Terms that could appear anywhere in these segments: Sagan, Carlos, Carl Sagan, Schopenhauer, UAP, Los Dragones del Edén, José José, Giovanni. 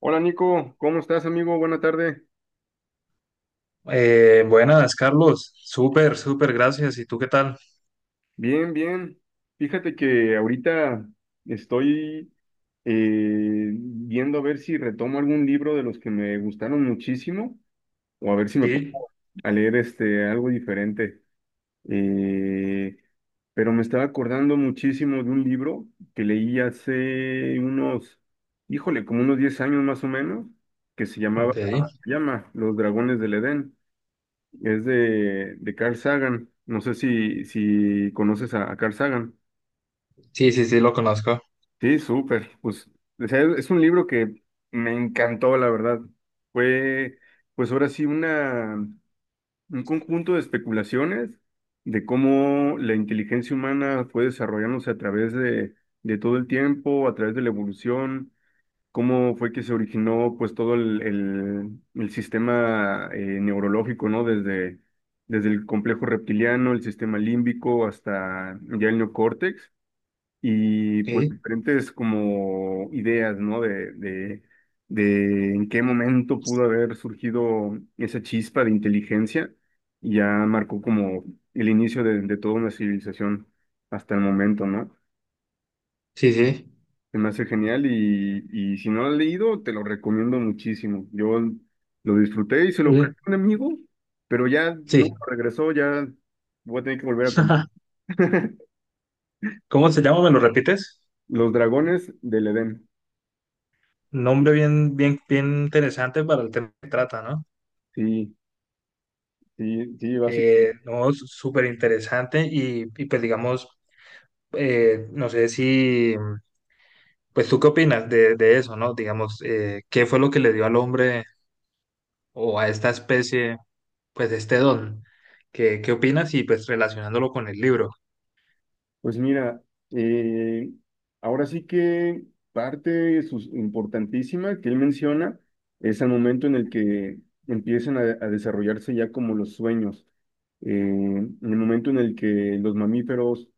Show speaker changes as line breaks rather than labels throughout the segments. Hola Nico, ¿cómo estás amigo? Buena tarde.
Buenas, Carlos. Súper, súper, gracias. ¿Y tú qué tal?
Bien, bien. Fíjate que ahorita estoy viendo a ver si retomo algún libro de los que me gustaron muchísimo o a ver si me
Sí.
pongo a leer este, algo diferente. Eh, pero me estaba acordando muchísimo de un libro que leí hace unos, híjole, como unos 10 años más o menos, que
Ok.
llama Los Dragones del Edén. Es de Carl Sagan. No sé si conoces a Carl Sagan.
Sí, sí, sí, lo conozco.
Sí, súper. Pues o sea, es un libro que me encantó, la verdad. Fue, pues ahora sí, un conjunto de especulaciones de cómo la inteligencia humana fue desarrollándose a través de todo el tiempo, a través de la evolución. Cómo fue que se originó pues todo el sistema neurológico, ¿no? Desde el complejo reptiliano, el sistema límbico hasta ya el neocórtex y pues
Ok.
diferentes como ideas, ¿no? De en qué momento pudo haber surgido esa chispa de inteligencia y ya marcó como el inicio de toda una civilización hasta el momento, ¿no?
Sí, sí.
Se me hace genial y si no lo has leído, te lo recomiendo muchísimo. Yo lo disfruté y se lo
Sí.
presté a un amigo, pero ya no
Sí.
regresó, ya voy a tener que volver a comprar.
¿Cómo se llama? ¿Me lo repites?
Los dragones del Edén.
Nombre bien, bien, bien interesante para el tema que trata, ¿no?
Sí, sí, sí, básicamente.
No, súper interesante y pues digamos, no sé si, pues tú qué opinas de eso, ¿no? Digamos, ¿qué fue lo que le dio al hombre o a esta especie, pues este don? ¿Qué, qué opinas? Y pues relacionándolo con el libro.
Pues mira, eh, ahora sí que parte importantísima que él menciona es el momento en el que empiezan a desarrollarse ya como los sueños. En el momento en el que los mamíferos.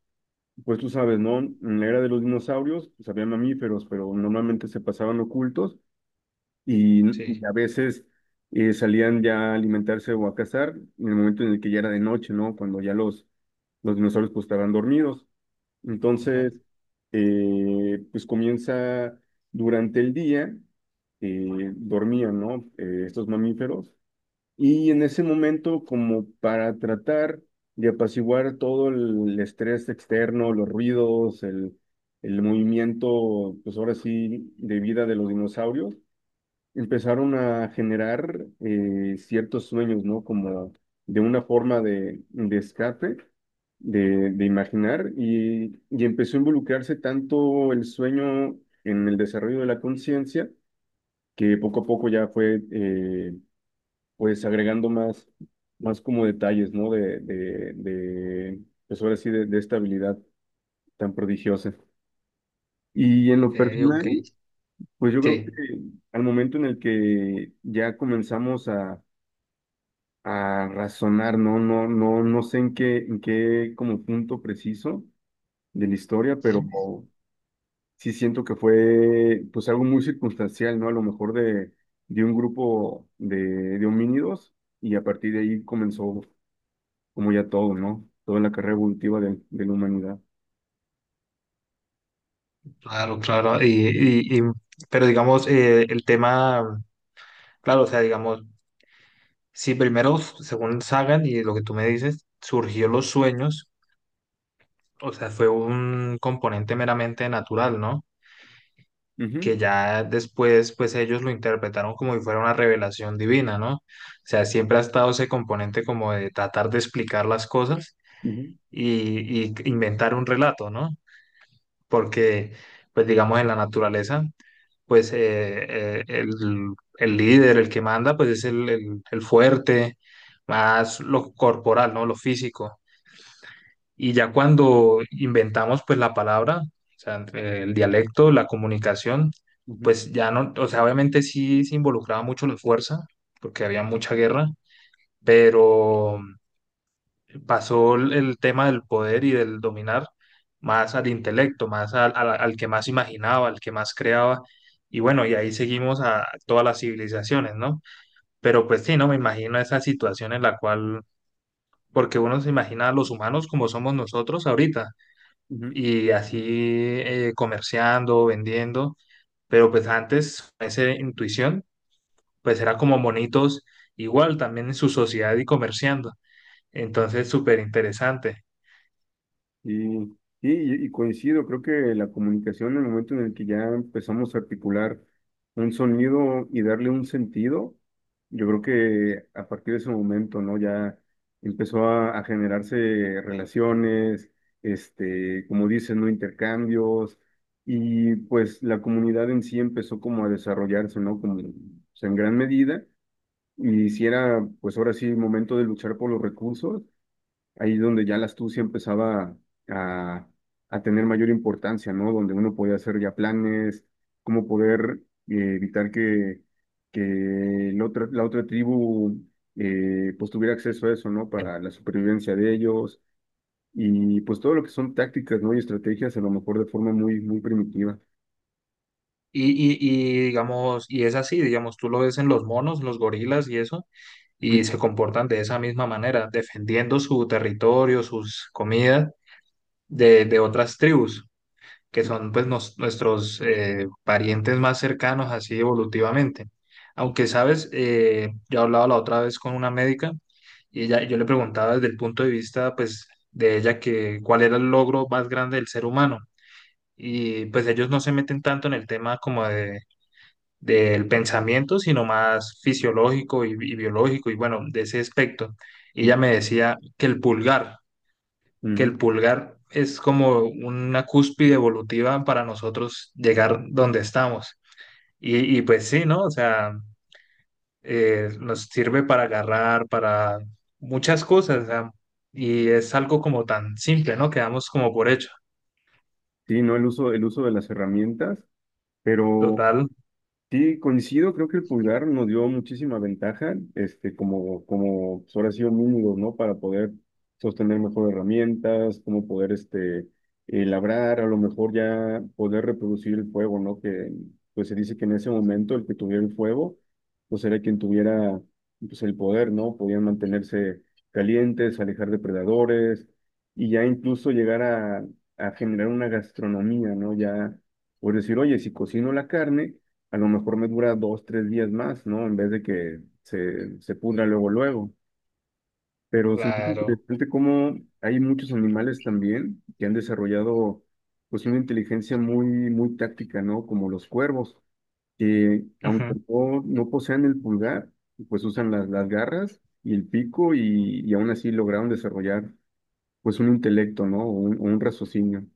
Pues tú sabes, ¿no? En la era de los dinosaurios, pues había mamíferos, pero normalmente se pasaban ocultos y
Sí.
a veces salían ya a alimentarse o a cazar en el momento en el que ya era de noche, ¿no? Cuando ya los dinosaurios pues estaban dormidos. Entonces,
Ujú.
pues comienza durante el día, dormían, ¿no? Estos mamíferos y en ese momento, como para tratar de apaciguar todo el estrés externo, los ruidos, el movimiento, pues ahora sí, de vida de los dinosaurios, empezaron a generar ciertos sueños, ¿no? Como de una forma de escape, de imaginar, y empezó a involucrarse tanto el sueño en el desarrollo de la conciencia, que poco a poco ya fue, pues agregando más, más como detalles, ¿no? De pues ahora sí, de esta habilidad tan prodigiosa. Y en
Ok,
lo
ok,
personal, pues yo creo que
sí.
al momento en el que ya comenzamos a razonar, ¿no? No sé en en qué como punto preciso de la historia, pero
Ujú.
sí siento que fue pues algo muy circunstancial, ¿no? A lo mejor de un grupo de homínidos y a partir de ahí comenzó como ya todo, ¿no? Toda la carrera evolutiva de la humanidad.
Claro, claro. Pero digamos, el tema, claro, o sea, digamos, si primero, según Sagan y lo que tú me dices, surgió los sueños, o sea, fue un componente meramente natural, ¿no?
Ujú,
Que ya después pues ellos lo interpretaron como si fuera una revelación divina, ¿no? O sea, siempre ha estado ese componente como de tratar de explicar las cosas
ujú,
y inventar un relato, ¿no? Porque pues digamos en la naturaleza pues el líder, el que manda pues es el fuerte, más lo corporal, ¿no? Lo físico. Y ya cuando inventamos pues la palabra, o sea, entre el dialecto, la comunicación,
ujú,
pues ya no, o sea, obviamente sí se involucraba mucho la fuerza, porque había mucha guerra, pero pasó el tema del poder y del dominar más al intelecto, más al, al que más imaginaba, al que más creaba. Y bueno, y ahí seguimos a todas las civilizaciones, ¿no? Pero pues sí, no me imagino esa situación en la cual, porque uno se imagina a los humanos como somos nosotros ahorita
ujú.
y así comerciando, vendiendo, pero pues antes esa intuición pues era como monitos igual también en su sociedad y comerciando, entonces súper interesante.
Y, sí, y coincido, creo que la comunicación, en el momento en el que ya empezamos a articular un sonido y darle un sentido, yo creo que a partir de ese momento, ¿no? Ya empezó a generarse relaciones, este, como dicen, ¿no? Intercambios, y pues la comunidad en sí empezó como a desarrollarse, ¿no? Como, o sea, en gran medida y si era, pues ahora sí, momento de luchar por los recursos, ahí donde ya la astucia empezaba a, a tener mayor importancia, ¿no? Donde uno podía hacer ya planes, cómo poder evitar que la otra tribu pues tuviera acceso a eso, ¿no? Para la supervivencia de ellos y pues todo lo que son tácticas, ¿no? Y estrategias, a lo mejor de forma muy, muy primitiva.
Y digamos, y es así, digamos, tú lo ves en los monos, los gorilas y eso,
Ujú.
y se comportan de esa misma manera, defendiendo su territorio, sus comidas de otras tribus, que son pues nuestros parientes más cercanos así evolutivamente. Aunque, sabes, yo hablaba la otra vez con una médica y ella, yo le preguntaba desde el punto de vista pues de ella que cuál era el logro más grande del ser humano. Y pues ellos no se meten tanto en el tema como de, del pensamiento, sino más fisiológico y biológico y bueno, de ese aspecto. Y ella me decía que
Ujú.
el pulgar es como una cúspide evolutiva para nosotros llegar donde estamos. Y pues sí, ¿no? O sea, nos sirve para agarrar, para muchas cosas, o sea, y es algo como tan simple, ¿no? Quedamos como por hecho.
Sí, ¿no? El uso de las herramientas, pero...
Total.
Sí, coincido, creo que el pulgar nos dio muchísima ventaja, este, como, como pues, ahora sí homínidos, ¿no? Para poder sostener mejor herramientas, como poder, este, labrar, a lo mejor ya poder reproducir el fuego, ¿no? Que, pues se dice que en ese momento el que tuviera el fuego, pues era quien tuviera, pues el poder, ¿no? Podían mantenerse calientes, alejar depredadores y ya incluso llegar a generar una gastronomía, ¿no? Ya, por decir, oye, si cocino la carne a lo mejor me dura dos, tres días más, ¿no? En vez de que se pudra luego, luego. Pero se me hace
Claro.
interesante cómo hay muchos animales también que han desarrollado pues una inteligencia muy, muy táctica, ¿no? Como los cuervos, que aunque
Ujú.
no posean el pulgar, pues usan las garras y el pico y aún así lograron desarrollar pues un intelecto, ¿no? O un raciocinio.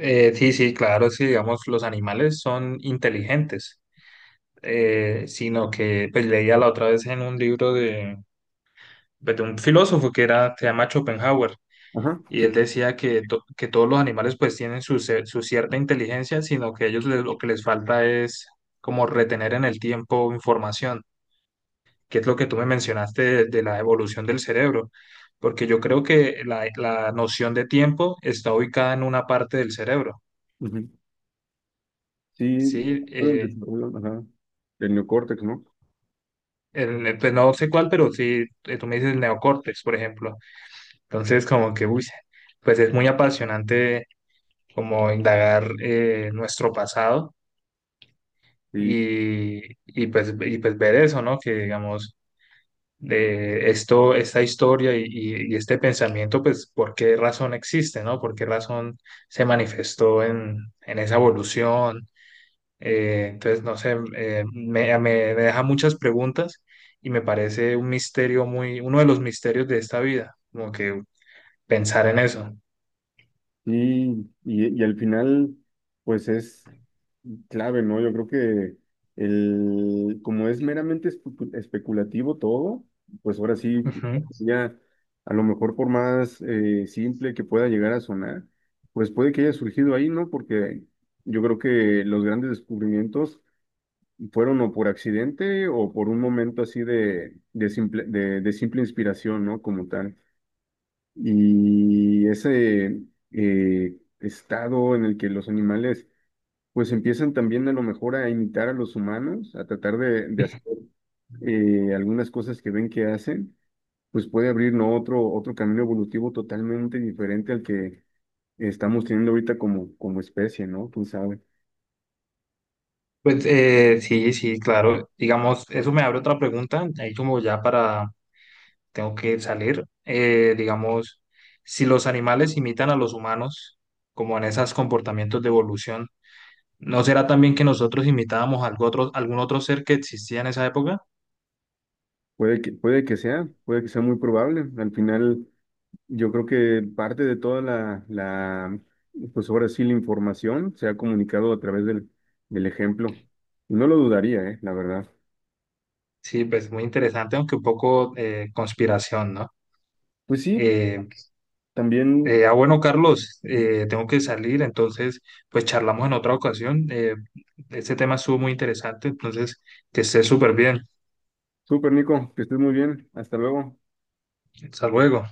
Sí, sí, claro, sí, digamos, los animales son inteligentes, sino que pues, leía la otra vez en un libro de, pues, de un filósofo que era, se llama Schopenhauer,
Ajá,
y él
sí.
decía que, que todos los animales pues tienen su, su cierta inteligencia, sino que ellos lo que les falta es como retener en el tiempo información, que es lo que tú me mencionaste de la evolución del cerebro, porque yo creo que la noción de tiempo está ubicada en una parte del cerebro,
Ujú. Sí,
¿sí?
el desarrollo, ajá, del neocórtex, ¿no?
Pues no sé cuál, pero sí, tú me dices el neocórtex, por ejemplo. Entonces, como que, uy, pues es muy apasionante como indagar nuestro pasado
Sí,
y, pues, y pues ver eso, ¿no? Que digamos, de esto, esta historia y este pensamiento, pues por qué razón existe, ¿no? ¿Por qué razón se manifestó en esa evolución? Entonces, no sé, me deja muchas preguntas y me parece un misterio muy, uno de los misterios de esta vida, como que pensar en eso.
sí, y al final, pues es clave, ¿no? Yo creo que el, como es meramente especulativo todo, pues ahora sí,
Ujú.
ya a lo mejor por más simple que pueda llegar a sonar, pues puede que haya surgido ahí, ¿no? Porque yo creo que los grandes descubrimientos fueron o por accidente o por un momento así de simple inspiración, ¿no? Como tal y ese estado en el que los animales pues empiezan también a lo mejor a imitar a los humanos, a tratar de hacer algunas cosas que ven que hacen, pues puede abrir ¿no? otro, otro camino evolutivo totalmente diferente al que estamos teniendo ahorita como, como especie, ¿no? Quién sabe.
Pues sí, sí, claro. Digamos, eso me abre otra pregunta, ahí como ya para tengo que salir. Digamos, si los animales imitan a los humanos, como en esos comportamientos de evolución, ¿no será también que nosotros imitábamos algo otro, algún otro ser que existía en esa época?
Puede que sea muy probable. Al final, yo creo que parte de toda la, pues ahora sí, la información se ha comunicado a través del ejemplo. No lo dudaría, la verdad.
Sí, pues muy interesante, aunque un poco conspiración, ¿no?
Pues sí,
Eh,
también,
bueno, Carlos, tengo que salir, entonces, pues charlamos en otra ocasión. Este tema estuvo muy interesante, entonces, que estés súper bien.
súper Nico, que estés muy bien. Hasta luego.
Hasta luego.